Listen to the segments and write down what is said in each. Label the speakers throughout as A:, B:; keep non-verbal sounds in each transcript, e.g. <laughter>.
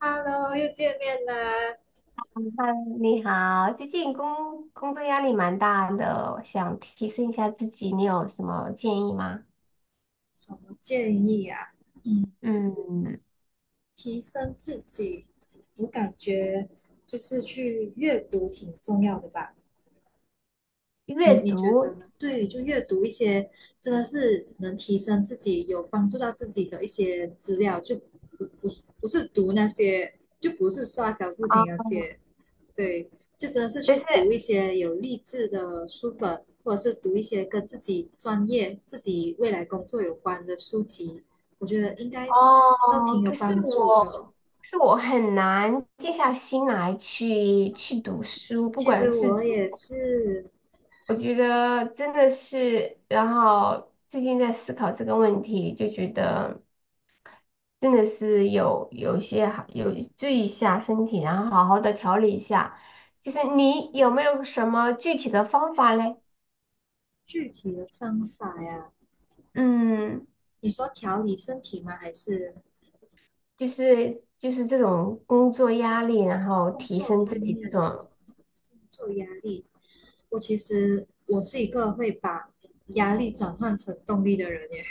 A: Hello，又见面啦！
B: 嗯嗨你好，最近工作压力蛮大的，想提升一下自己，你有什么建议吗？
A: 什么建议啊？嗯，
B: 嗯，
A: 提升自己，我感觉就是去阅读挺重要的吧？你
B: 阅
A: 你觉得
B: 读
A: 呢？对，就阅读一些真的是能提升自己、有帮助到自己的一些资料，就不是读那些，就不是刷小视频那
B: 啊，
A: 些。对，就真的是
B: 但
A: 去
B: 是
A: 读一些有励志的书本，或者是读一些跟自己专业、自己未来工作有关的书籍，我觉得应该都挺
B: 哦，
A: 有
B: 可是
A: 帮助
B: 我，
A: 的。
B: 可是我很难静下心来去读书，不
A: 其
B: 管
A: 实
B: 是
A: 我
B: 读，
A: 也是。
B: 我觉得真的是，然后最近在思考这个问题，就觉得。真的是有一些好有注意一下身体，然后好好的调理一下。就是你有没有什么具体的方法嘞？
A: 具体的方法呀，
B: 嗯，
A: 你说调理身体吗？还是
B: 就是这种工作压力，然后
A: 工
B: 提
A: 作
B: 升
A: 方
B: 自己这
A: 面、
B: 种
A: 工作压力？其实我是一个会把压力转换成动力的人耶，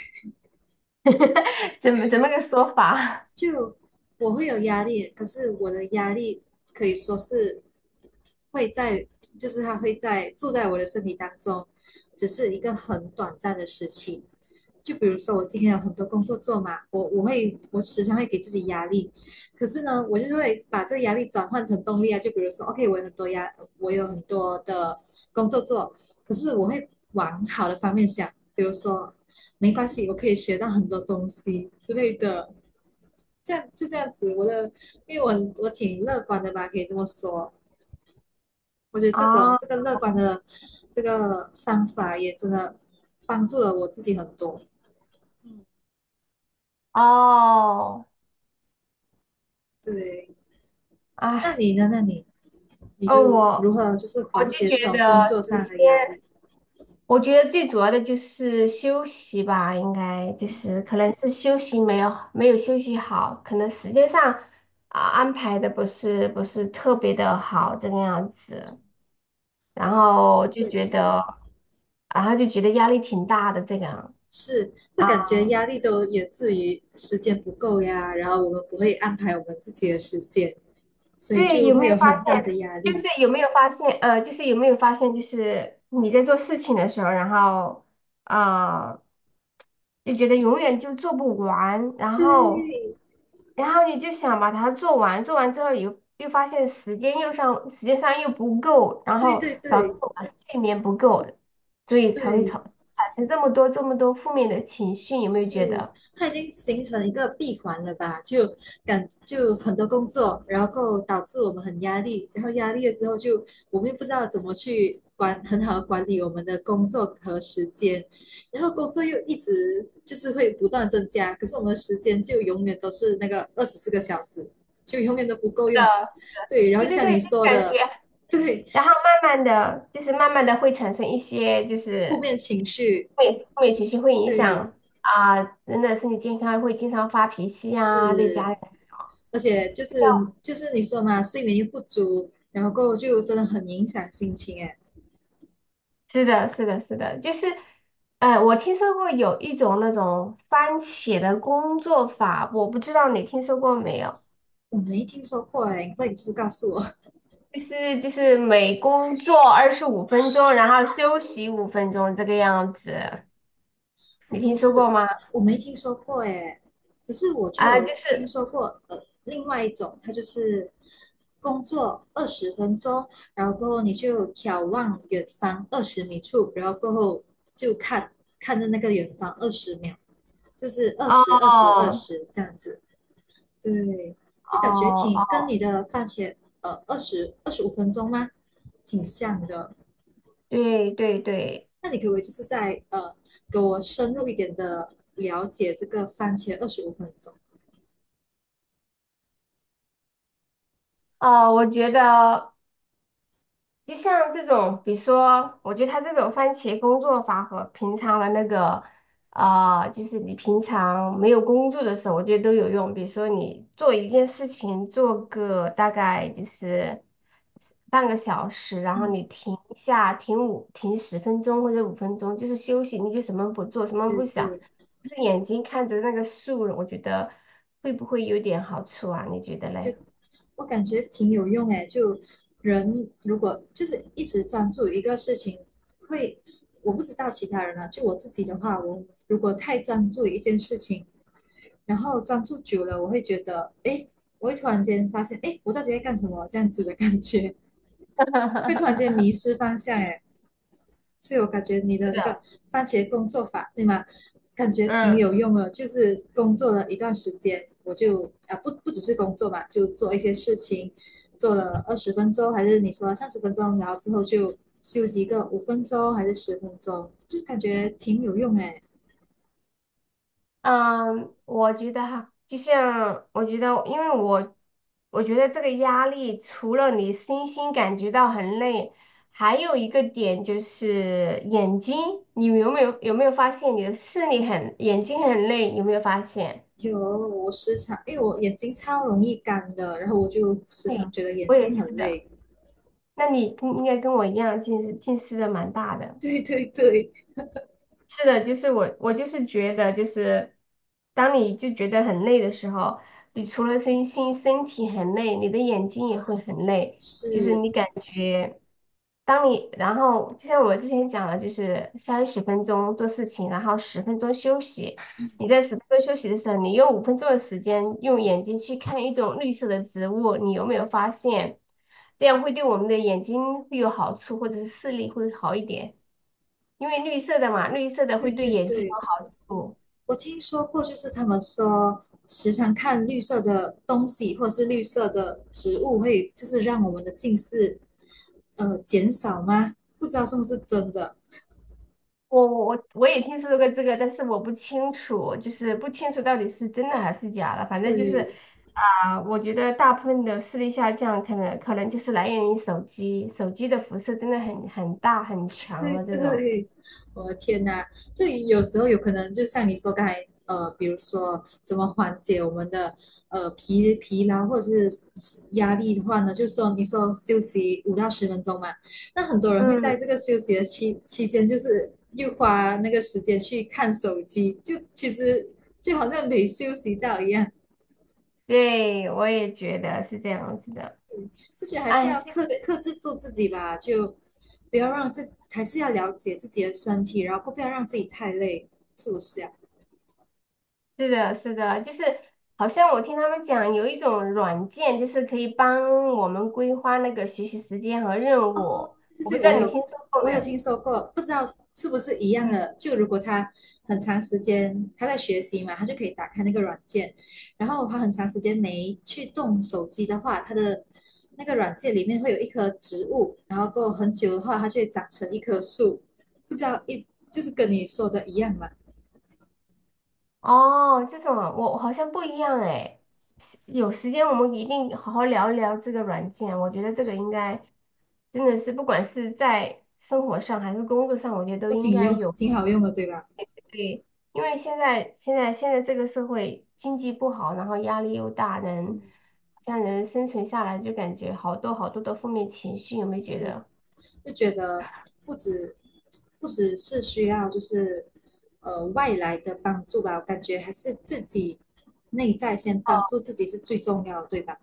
B: <laughs> 怎么个说法
A: 就我会有压力，可是我的压力可以说是会在，就是他住在我的身体当中，只是一个很短暂的时期。就比如说我今天有很多工作做嘛，我时常会给自己压力，可是呢，我就会把这个压力转换成动力啊。就比如说，OK,我有很多的工作做，可是我会往好的方面想，比如说没关系，我可以学到很多东西之类的。这样子，因为我挺乐观的吧，可以这么说。我觉得这种
B: 啊？
A: 这个乐观
B: <laughs>
A: 的这个方法也真的帮助了我自己很多。
B: 哦，
A: 对，那
B: 哎，
A: 你呢？那你
B: 哦，
A: 就如
B: 我
A: 何就是
B: 我就
A: 缓解这
B: 觉
A: 种
B: 得，
A: 工作
B: 首
A: 上
B: 先
A: 的压力？
B: 我觉得最主要的就是休息吧，应该就是可能是休息没有休息好，可能时间上啊安排的不是特别的好这个样子，然
A: 但是，
B: 后就
A: 对对
B: 觉
A: 对，
B: 得，然后就觉得压力挺大的这个
A: 是，就
B: 啊，
A: 感觉压力都源自于时间不够呀，然后我们不会安排我们自己的时间，所以
B: 对，
A: 就
B: 有
A: 会
B: 没有
A: 有
B: 发
A: 很大
B: 现？
A: 的压
B: 就
A: 力。
B: 是有没有发现？就是有没有发现？就是你在做事情的时候，然后啊、就觉得永远就做不完，然后。
A: 对
B: 然后你就想把它做完，做完之后又发现时间又上，时间上又不够，然
A: 对
B: 后
A: 对
B: 导致
A: 对
B: 我的睡眠不够，所以才会
A: 对，
B: 产产生这么多负面的情绪，有没有觉
A: 是，
B: 得？
A: 它已经形成一个闭环了吧？就很多工作，然后导致我们很压力，然后压力了之后就我们又不知道怎么去管，很好的管理我们的工作和时间，然后工作又一直就是会不断增加，可是我们的时间就永远都是那个24个小时，就永远都不够用。对，然后
B: 对
A: 就
B: 对
A: 像
B: 对，
A: 你说
B: 感觉。
A: 的，对，
B: 然后慢慢的，就是慢慢的会产生一些就
A: 负
B: 是
A: 面情绪，
B: 负面情绪，会影
A: 对，
B: 响啊、人的身体健康，会经常发脾气啊，对家
A: 是。
B: 人。
A: 而且就是你说嘛，睡眠又不足，然后过后就真的很影响心情哎。
B: 是的，是的，是的，就是，哎，我听说过有一种那种番茄的工作法，我不知道你听说过没有？
A: 我没听说过哎，你快就是告诉我。
B: 就是每工作25分钟，然后休息五分钟这个样子，
A: <laughs>
B: 你
A: 其
B: 听说
A: 实
B: 过吗？
A: 我没听说过哎，可是我就
B: 啊，
A: 有
B: 就
A: 听
B: 是
A: 说过另外一种，它就是工作二十分钟，然后过后你就眺望远方20米处，然后过后就看看着那个远方20秒，就是二
B: 哦
A: 十二十二
B: 哦
A: 十这样子。对，那感觉挺跟
B: 哦，
A: 你的番茄二十五分钟吗？挺像的。
B: 对对对，
A: 那你可不可以就是在给我深入一点的了解这个番茄二十五分钟？
B: 哦，我觉得。就像这种，比如说，我觉得他这种番茄工作法和平常的那个，啊、就是你平常没有工作的时候，我觉得都有用。比如说，你做一件事情，做个大概就是半个小时，然后
A: 嗯，
B: 你停一下，停五停十分钟或者五分钟，就是休息，你就什么不做，什么
A: 对
B: 不想，
A: 对，
B: 就是眼睛看着那个树，我觉得会不会有点好处啊？你觉得
A: 就
B: 嘞？
A: 我感觉挺有用诶。就人如果就是一直专注一个事情，会我不知道其他人啊，就我自己的话，我如果太专注一件事情，然后专注久了，我会觉得，哎，我会突然间发现，哎，我到底在干什么？这样子的感觉，会突然间
B: <laughs>
A: 迷失方向，哎，所以我感觉你的那个番茄工作法，对吗？感觉挺
B: 嗯，
A: 有用的，就是工作了一段时间，我就不只是工作嘛，就做一些事情，做了二十分钟，还是你说30分钟，然后之后就休息一个五分钟还是十分钟，就是感觉挺有用哎。
B: 嗯，我觉得哈，就像我觉得，因为我觉得这个压力除了你身心感觉到很累，还有一个点就是眼睛，你有没有发现你的视力很眼睛很累？有没有发现？
A: 有，我时常，因为我眼睛超容易干的，然后我就时常
B: 对，
A: 觉得眼
B: 我也
A: 睛很
B: 是的。
A: 累。
B: 那你应该跟我一样，近视的蛮大的。
A: <laughs> 对对对，
B: 是的，就是我，我就是觉得，就是当你就觉得很累的时候，你除了身心身体很累，你的眼睛也会很累，就是
A: 是，
B: 你感觉，当你然后就像我之前讲的，就是30分钟做事情，然后十分钟休息。
A: 嗯，
B: 你在十分钟休息的时候，你用五分钟的时间用眼睛去看一种绿色的植物，你有没有发现？这样会对我们的眼睛会有好处，或者是视力会好一点。因为绿色的嘛，绿色的
A: 对
B: 会对
A: 对
B: 眼睛
A: 对，
B: 有好处。
A: 我听说过，就是他们说，时常看绿色的东西或者是绿色的食物，会就是让我们的近视减少吗？不知道是不是真的。
B: 我也听说过这个，但是我不清楚，就是不清楚到底是真的还是假的。反正就是
A: 对，
B: 啊、我觉得大部分的视力下降，可能就是来源于手机，手机的辐射真的很大很强
A: 对
B: 的这种。
A: 对，我的天呐，就有时候有可能就像你说刚才，比如说怎么缓解我们的呃疲疲劳或者是压力的话呢，就说你说休息5到10分钟嘛，那很多人会在
B: 嗯，
A: 这个休息的间，就是又花那个时间去看手机，就其实就好像没休息到一样。
B: 对，我也觉得是这样子的。
A: 就觉得还是
B: 哎，
A: 要
B: 其实
A: 制住自己吧，就不要让自己还是要了解自己的身体，然后不要让自己太累，是不是啊？
B: 是的，是的，就是好像我听他们讲有一种软件，就是可以帮我们规划那个学习时间和任务。
A: 对
B: 我不
A: 对
B: 知
A: 对，我
B: 道你
A: 有
B: 听说过
A: 我
B: 没
A: 有
B: 有？
A: 听说过，不知道是不是一样的。就如果他很长时间他在学习嘛，他就可以打开那个软件，然后他很长时间没去动手机的话，他的那个软件里面会有一棵植物，然后过很久的话，它就会长成一棵树。不知道就是跟你说的一样嘛，
B: 哦，这种啊我好像不一样哎。是有时间我们一定好好聊一聊这个软件，我觉得这个应该真的是不管是在生活上还是工作上，我觉得都
A: 都
B: 应该有。
A: 挺好用的，对吧？
B: 对，因为现在这个社会经济不好，然后压力又大，人好像人生存下来就感觉好多好多的负面情绪，有没有觉
A: 是，
B: 得？
A: 就觉得不止不只是需要就是外来的帮助吧，我感觉还是自己内在先帮助自己是最重要的，对吧？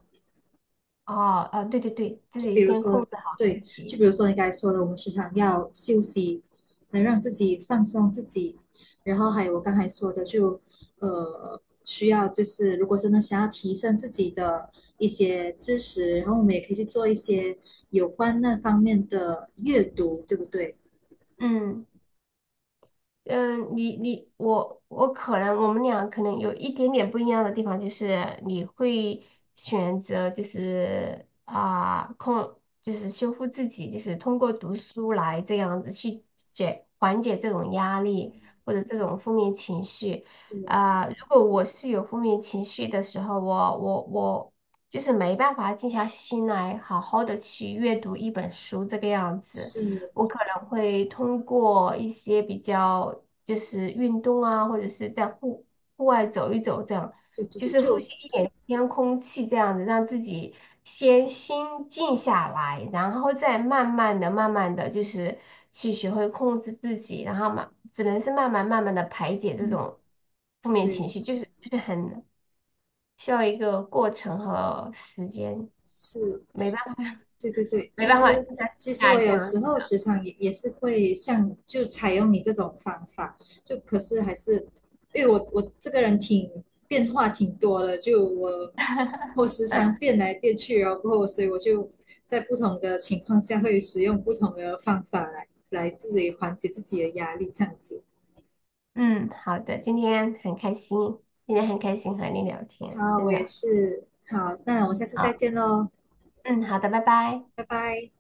B: 哦，啊，对对对，自
A: 就
B: 己
A: 比如
B: 先控
A: 说，
B: 制
A: 对，
B: 自
A: 就
B: 己，
A: 比如说你刚才说的，我们时常要休息，能让自己放松自己，然后还有我刚才说的就，需要就是如果真的想要提升自己的一些知识，然后我们也可以去做一些有关那方面的阅读，对不对？
B: 嗯。嗯，你你我可能我们俩可能有一点点不一样的地方，就是你会选择就是啊控就是修复自己，就是通过读书来这样子去解缓解这种压力或者这种负面情绪
A: 对，
B: 啊。如果我是有负面情绪的时候，我就是没办法静下心来好好的去阅读一本书这个样子。
A: 是，
B: 我可能会通过一些比较就是运动啊，或者是在户户外走一走，这样
A: 对对
B: 就
A: 对，
B: 是呼
A: 就
B: 吸一点新鲜空气，这样子让自己先心静下来，然后再慢慢的、慢慢的就是去学会控制自己，然后嘛，只能是慢慢、慢慢的排解这
A: 嗯，
B: 种负面
A: 对，
B: 情绪，就是很需要一个过程和时间，
A: 是，
B: 没办法，
A: 对对对，
B: 没
A: 其
B: 办法，
A: 实
B: 静下心
A: 其实
B: 来
A: 我
B: 这
A: 有
B: 样。
A: 时候时常也是会像就采用你这种方法，就可是还是因为我这个人挺变化挺多的，就我时常变来变去，然后所以我就在不同的情况下会使用不同的方法来自己缓解自己的压力，这样子。
B: 嗯，好的，今天很开心，今天很开心和你聊天，
A: 好，我
B: 真
A: 也
B: 的。
A: 是。好，那我们下次再
B: 好，
A: 见喽，
B: 嗯，好的，拜拜。
A: 拜拜。